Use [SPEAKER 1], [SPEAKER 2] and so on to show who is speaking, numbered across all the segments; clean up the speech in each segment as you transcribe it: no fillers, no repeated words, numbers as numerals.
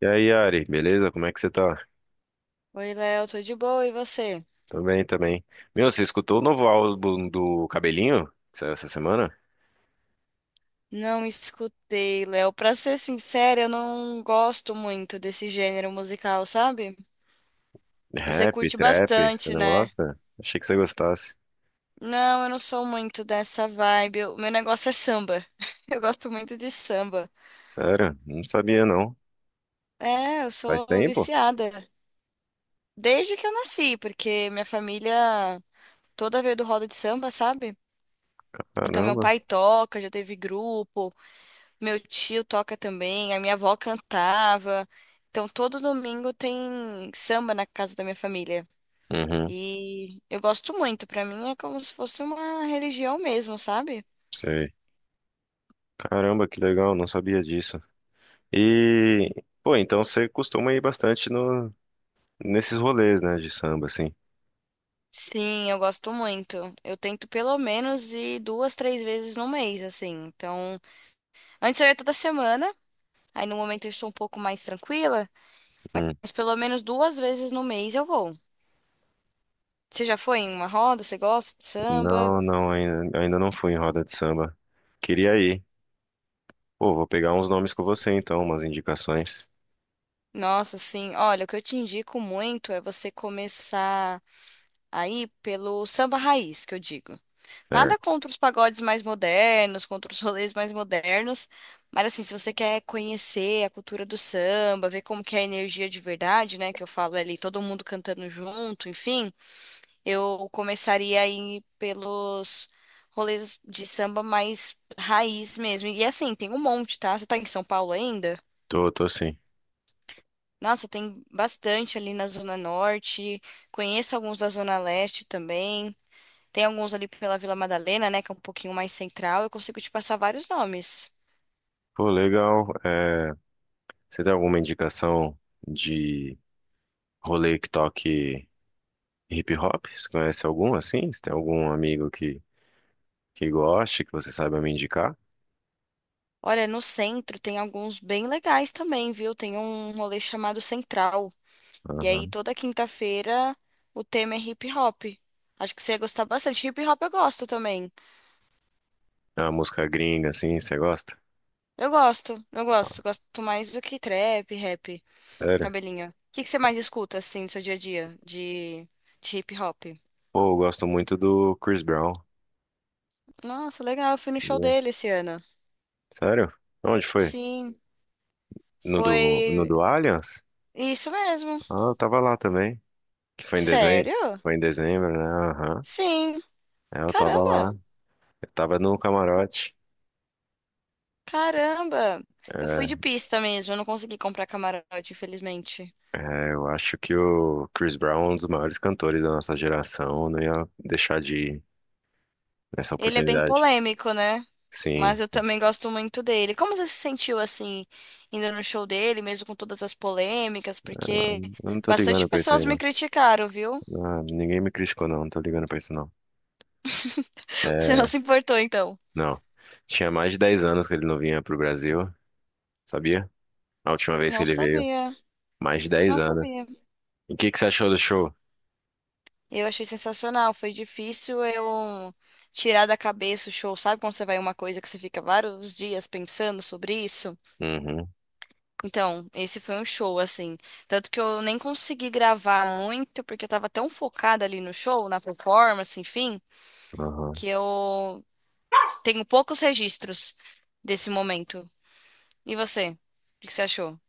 [SPEAKER 1] E aí, Ari, beleza? Como é que você tá?
[SPEAKER 2] Oi, Léo, tô de boa, e você?
[SPEAKER 1] Tô bem também. Meu, você escutou o novo álbum do Cabelinho? Que saiu essa semana?
[SPEAKER 2] Não escutei, Léo. Pra ser sincera, eu não gosto muito desse gênero musical, sabe? Você
[SPEAKER 1] Rap,
[SPEAKER 2] curte
[SPEAKER 1] trap, você
[SPEAKER 2] bastante,
[SPEAKER 1] não
[SPEAKER 2] né?
[SPEAKER 1] gosta? Achei que você gostasse.
[SPEAKER 2] Não, eu não sou muito dessa vibe. O meu negócio é samba. Eu gosto muito de samba.
[SPEAKER 1] Sério? Não sabia não.
[SPEAKER 2] É, eu
[SPEAKER 1] Faz
[SPEAKER 2] sou
[SPEAKER 1] tempo?
[SPEAKER 2] viciada. Desde que eu nasci, porque minha família toda veio do roda de samba, sabe? Então meu
[SPEAKER 1] Caramba.
[SPEAKER 2] pai toca, já teve grupo. Meu tio toca também, a minha avó cantava. Então, todo domingo tem samba na casa da minha família.
[SPEAKER 1] Uhum,
[SPEAKER 2] E eu gosto muito, pra mim é como se fosse uma religião mesmo, sabe?
[SPEAKER 1] sei. Caramba, que legal, não sabia disso. E, então você costuma ir bastante no, nesses rolês, né, de samba, assim.
[SPEAKER 2] Sim, eu gosto muito. Eu tento pelo menos ir duas, três vezes no mês, assim. Então, antes eu ia toda semana, aí no momento eu estou um pouco mais tranquila,
[SPEAKER 1] Hum.
[SPEAKER 2] mas pelo menos duas vezes no mês eu vou. Você já foi em uma roda? Você gosta de samba?
[SPEAKER 1] Não, não, ainda não fui em roda de samba. Queria ir. Pô, vou pegar uns nomes com você então, umas indicações.
[SPEAKER 2] Nossa, sim. Olha, o que eu te indico muito é você começar aí pelo samba raiz, que eu digo. Nada
[SPEAKER 1] Certo.
[SPEAKER 2] contra os pagodes mais modernos, contra os rolês mais modernos, mas assim, se você quer conhecer a cultura do samba, ver como que é a energia de verdade, né, que eu falo ali, todo mundo cantando junto, enfim, eu começaria aí pelos rolês de samba mais raiz mesmo. E assim, tem um monte, tá? Você tá em São Paulo ainda?
[SPEAKER 1] Tô, tô sim.
[SPEAKER 2] Nossa, tem bastante ali na Zona Norte. Conheço alguns da Zona Leste também. Tem alguns ali pela Vila Madalena, né, que é um pouquinho mais central. Eu consigo te passar vários nomes.
[SPEAKER 1] Pô, legal. É, você tem alguma indicação de rolê que toque hip hop? Você conhece algum assim? Você tem algum amigo que goste, que você saiba me indicar?
[SPEAKER 2] Olha, no centro tem alguns bem legais também, viu? Tem um rolê chamado Central. E aí,
[SPEAKER 1] Aham.
[SPEAKER 2] toda quinta-feira, o tema é hip hop. Acho que você ia gostar bastante. Hip hop eu gosto também.
[SPEAKER 1] É uma música gringa assim, você gosta?
[SPEAKER 2] Eu gosto, eu gosto. Gosto mais do que trap, rap,
[SPEAKER 1] Sério?
[SPEAKER 2] cabelinho. O que que você mais escuta, assim, no seu dia a dia de hip hop?
[SPEAKER 1] Pô, eu gosto muito do Chris Brown.
[SPEAKER 2] Nossa, legal, eu fui no show
[SPEAKER 1] Sabia?
[SPEAKER 2] dele esse ano.
[SPEAKER 1] Sério? Onde foi?
[SPEAKER 2] Sim,
[SPEAKER 1] No do, no
[SPEAKER 2] foi
[SPEAKER 1] do Allianz?
[SPEAKER 2] isso mesmo.
[SPEAKER 1] Ah, eu tava lá também. Que foi em dezembro?
[SPEAKER 2] Sério?
[SPEAKER 1] Foi em dezembro, né? Aham.
[SPEAKER 2] Sim.
[SPEAKER 1] É, eu tava
[SPEAKER 2] Caramba,
[SPEAKER 1] lá. Eu tava no camarote.
[SPEAKER 2] caramba. Eu fui
[SPEAKER 1] É.
[SPEAKER 2] de pista mesmo, eu não consegui comprar camarote, infelizmente.
[SPEAKER 1] É, eu acho que o Chris Brown é um dos maiores cantores da nossa geração, não ia deixar de ir nessa
[SPEAKER 2] Ele é bem
[SPEAKER 1] oportunidade.
[SPEAKER 2] polêmico, né?
[SPEAKER 1] Sim,
[SPEAKER 2] Mas eu também gosto muito dele. Como você se sentiu assim, indo no show dele, mesmo com todas as polêmicas? Porque
[SPEAKER 1] eu não tô
[SPEAKER 2] bastante
[SPEAKER 1] ligando pra isso aí,
[SPEAKER 2] pessoas me
[SPEAKER 1] não.
[SPEAKER 2] criticaram, viu?
[SPEAKER 1] Ah, ninguém me criticou, não, não tô ligando pra isso, não.
[SPEAKER 2] Você não
[SPEAKER 1] É,
[SPEAKER 2] se importou, então?
[SPEAKER 1] não. Tinha mais de 10 anos que ele não vinha pro Brasil, sabia? A última vez que
[SPEAKER 2] Não
[SPEAKER 1] ele veio,
[SPEAKER 2] sabia,
[SPEAKER 1] mais de dez
[SPEAKER 2] não
[SPEAKER 1] anos.
[SPEAKER 2] sabia.
[SPEAKER 1] E o que que você achou do show?
[SPEAKER 2] Eu achei sensacional. Foi difícil eu tirar da cabeça o show. Sabe quando você vai em uma coisa que você fica vários dias pensando sobre isso?
[SPEAKER 1] Uhum,
[SPEAKER 2] Então, esse foi um show, assim. Tanto que eu nem consegui gravar muito, porque eu tava tão focada ali no show, na performance, enfim,
[SPEAKER 1] uhum.
[SPEAKER 2] que eu tenho poucos registros desse momento. E você? O que você achou?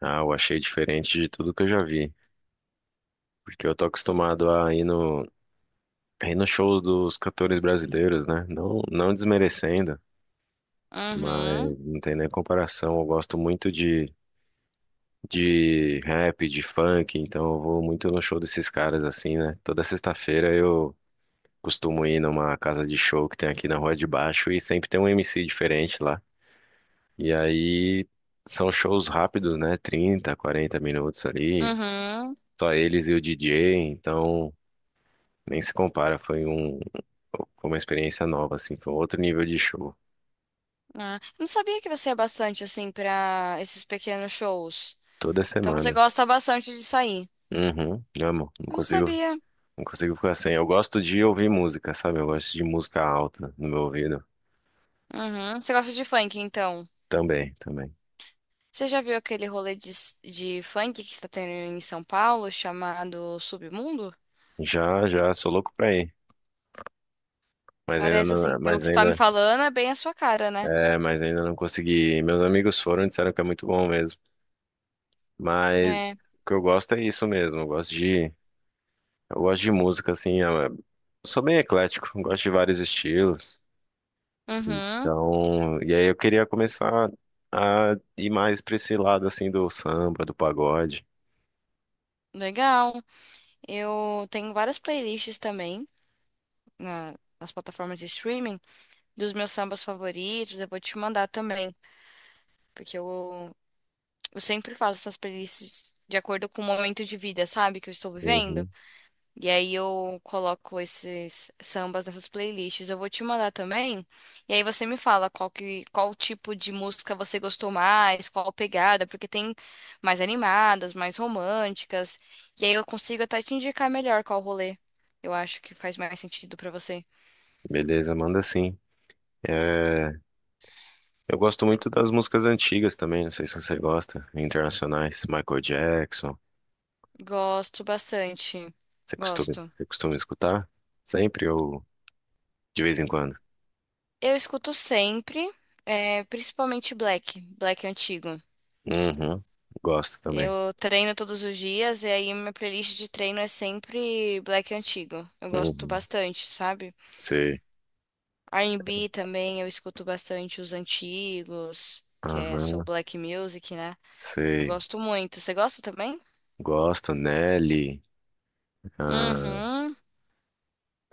[SPEAKER 1] Ah, eu achei diferente de tudo que eu já vi, porque eu tô acostumado a ir a ir no show dos cantores brasileiros, né? Não, não desmerecendo.
[SPEAKER 2] Uhum,
[SPEAKER 1] Mas não tem nem comparação. Eu gosto muito de rap, de funk, então eu vou muito no show desses caras assim, né? Toda sexta-feira eu costumo ir numa casa de show que tem aqui na Rua de Baixo e sempre tem um MC diferente lá. E aí são shows rápidos, né? 30, 40 minutos ali,
[SPEAKER 2] uhum.
[SPEAKER 1] só eles e o DJ, então nem se compara. Foi uma experiência nova, assim, foi outro nível de show.
[SPEAKER 2] Ah, eu não sabia que você é bastante, assim, pra esses pequenos shows.
[SPEAKER 1] Toda
[SPEAKER 2] Então você
[SPEAKER 1] semana.
[SPEAKER 2] gosta bastante de sair.
[SPEAKER 1] Uhum, amo.
[SPEAKER 2] Eu não sabia.
[SPEAKER 1] Não consigo ficar sem. Eu gosto de ouvir música, sabe? Eu gosto de música alta no meu ouvido.
[SPEAKER 2] Uhum. Você gosta de funk, então?
[SPEAKER 1] Também, também.
[SPEAKER 2] Você já viu aquele rolê de funk que está tendo em São Paulo, chamado Submundo?
[SPEAKER 1] Já, já, sou louco pra ir. Mas ainda
[SPEAKER 2] Parece assim,
[SPEAKER 1] não,
[SPEAKER 2] pelo
[SPEAKER 1] mas
[SPEAKER 2] que você tá me
[SPEAKER 1] ainda,
[SPEAKER 2] falando, é bem a sua cara, né?
[SPEAKER 1] mas ainda não consegui ir. Meus amigos foram e disseram que é muito bom mesmo. Mas o
[SPEAKER 2] É.
[SPEAKER 1] que eu gosto é isso mesmo. Eu gosto eu gosto de música, assim. Eu sou bem eclético, eu gosto de vários estilos.
[SPEAKER 2] Uhum.
[SPEAKER 1] Então, e aí eu queria começar a ir mais pra esse lado, assim, do samba, do pagode.
[SPEAKER 2] Legal. Eu tenho várias playlists também nas plataformas de streaming dos meus sambas favoritos. Eu vou te mandar também, porque eu sempre faço essas playlists de acordo com o momento de vida, sabe, que eu estou vivendo.
[SPEAKER 1] Uhum.
[SPEAKER 2] E aí eu coloco esses sambas nessas playlists. Eu vou te mandar também. E aí você me fala qual tipo de música você gostou mais, qual pegada, porque tem mais animadas, mais românticas. E aí eu consigo até te indicar melhor qual rolê. Eu acho que faz mais sentido pra você.
[SPEAKER 1] Beleza, manda sim. É, eu gosto muito das músicas antigas também, não sei se você gosta, internacionais, Michael Jackson.
[SPEAKER 2] Gosto bastante. Gosto.
[SPEAKER 1] Você costuma escutar? Sempre ou de vez em quando?
[SPEAKER 2] Eu escuto sempre, é, principalmente Black, Black antigo.
[SPEAKER 1] Uhum, gosto também.
[SPEAKER 2] Eu treino todos os dias e aí minha playlist de treino é sempre black antigo. Eu gosto
[SPEAKER 1] Uhum,
[SPEAKER 2] bastante, sabe?
[SPEAKER 1] sei.
[SPEAKER 2] R&B também eu escuto bastante os antigos, que é
[SPEAKER 1] Aham,
[SPEAKER 2] Soul Black Music, né? Eu
[SPEAKER 1] sei.
[SPEAKER 2] gosto muito. Você gosta também?
[SPEAKER 1] Gosto, Nelly, ah,
[SPEAKER 2] Uhum,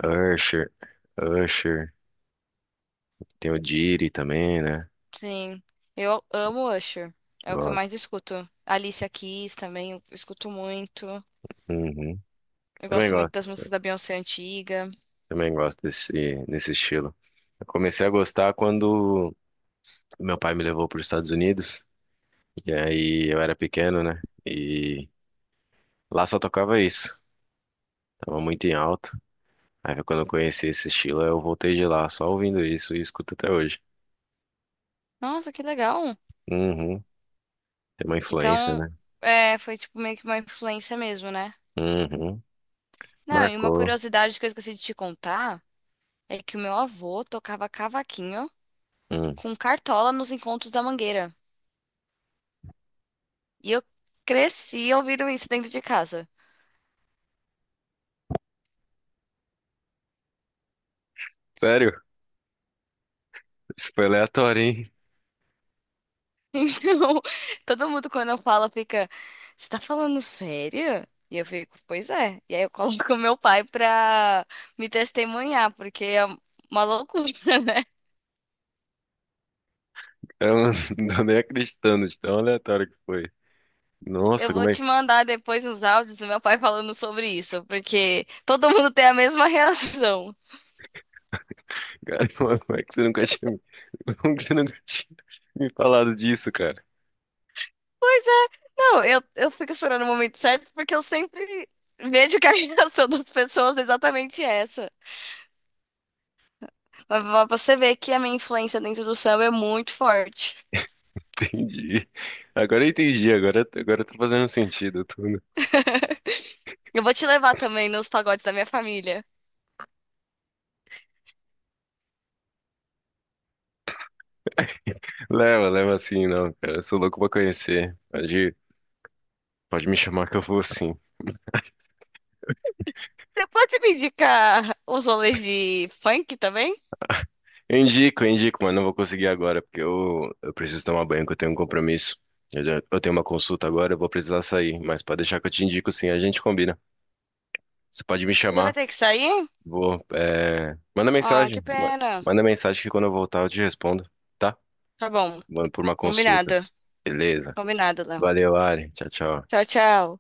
[SPEAKER 1] Usher, Usher, tem o Diddy também, né?
[SPEAKER 2] sim. Eu amo Usher. É o que eu
[SPEAKER 1] Gosto.
[SPEAKER 2] mais escuto. Alicia Keys também eu escuto muito.
[SPEAKER 1] Uhum,
[SPEAKER 2] Eu
[SPEAKER 1] também
[SPEAKER 2] gosto muito das músicas da Beyoncé antiga.
[SPEAKER 1] também gosto desse estilo. Eu comecei a gostar quando meu pai me levou para os Estados Unidos. E aí eu era pequeno, né? E lá só tocava isso. Tava muito em alta. Aí quando eu conheci esse estilo, eu voltei de lá, só ouvindo isso e escuto até hoje.
[SPEAKER 2] Nossa, que legal.
[SPEAKER 1] Uhum. Tem uma influência,
[SPEAKER 2] Então,
[SPEAKER 1] né?
[SPEAKER 2] é, foi tipo meio que uma influência mesmo, né?
[SPEAKER 1] Uhum.
[SPEAKER 2] Não, e uma
[SPEAKER 1] Marcou.
[SPEAKER 2] curiosidade que eu esqueci de te contar é que o meu avô tocava cavaquinho
[SPEAKER 1] Hum.
[SPEAKER 2] com cartola nos encontros da Mangueira. E eu cresci ouvindo isso dentro de casa.
[SPEAKER 1] Sério? Isso foi aleatório, hein?
[SPEAKER 2] Então, todo mundo quando eu falo fica, você tá falando sério? E eu fico, pois é. E aí eu coloco meu pai pra me testemunhar, porque é uma loucura, né?
[SPEAKER 1] Eu não tô nem acreditando de tão aleatório que foi.
[SPEAKER 2] Eu
[SPEAKER 1] Nossa,
[SPEAKER 2] vou
[SPEAKER 1] como é,
[SPEAKER 2] te mandar depois uns áudios do meu pai falando sobre isso, porque todo mundo tem a mesma reação.
[SPEAKER 1] cara, como é que você nunca tinha, como que você nunca tinha me falado disso, cara?
[SPEAKER 2] Pois é. Não, eu fico esperando o momento certo porque eu sempre vejo que a reação das pessoas é exatamente essa. Mas pra você ver que a minha influência dentro do samba é muito forte.
[SPEAKER 1] Entendi. Agora eu entendi, agora tá fazendo sentido tudo.
[SPEAKER 2] Eu vou te levar também nos pagodes da minha família.
[SPEAKER 1] Leva, leva sim, não, cara. Eu sou louco pra conhecer. Pode, pode me chamar que eu vou sim.
[SPEAKER 2] Você pode me indicar os rolês de funk também?
[SPEAKER 1] Eu indico, mas não vou conseguir agora, porque eu preciso tomar banho, que eu tenho um compromisso. Eu tenho uma consulta agora, eu vou precisar sair, mas pode deixar que eu te indico sim, a gente combina. Você pode me
[SPEAKER 2] Você vai
[SPEAKER 1] chamar,
[SPEAKER 2] ter que sair?
[SPEAKER 1] vou. É,
[SPEAKER 2] Ah, que pena.
[SPEAKER 1] manda mensagem que quando eu voltar eu te respondo, tá?
[SPEAKER 2] Tá bom.
[SPEAKER 1] Vou por uma
[SPEAKER 2] Combinado.
[SPEAKER 1] consulta. Beleza.
[SPEAKER 2] Combinado, Léo.
[SPEAKER 1] Valeu, Ari. Tchau, tchau.
[SPEAKER 2] Tchau, tchau.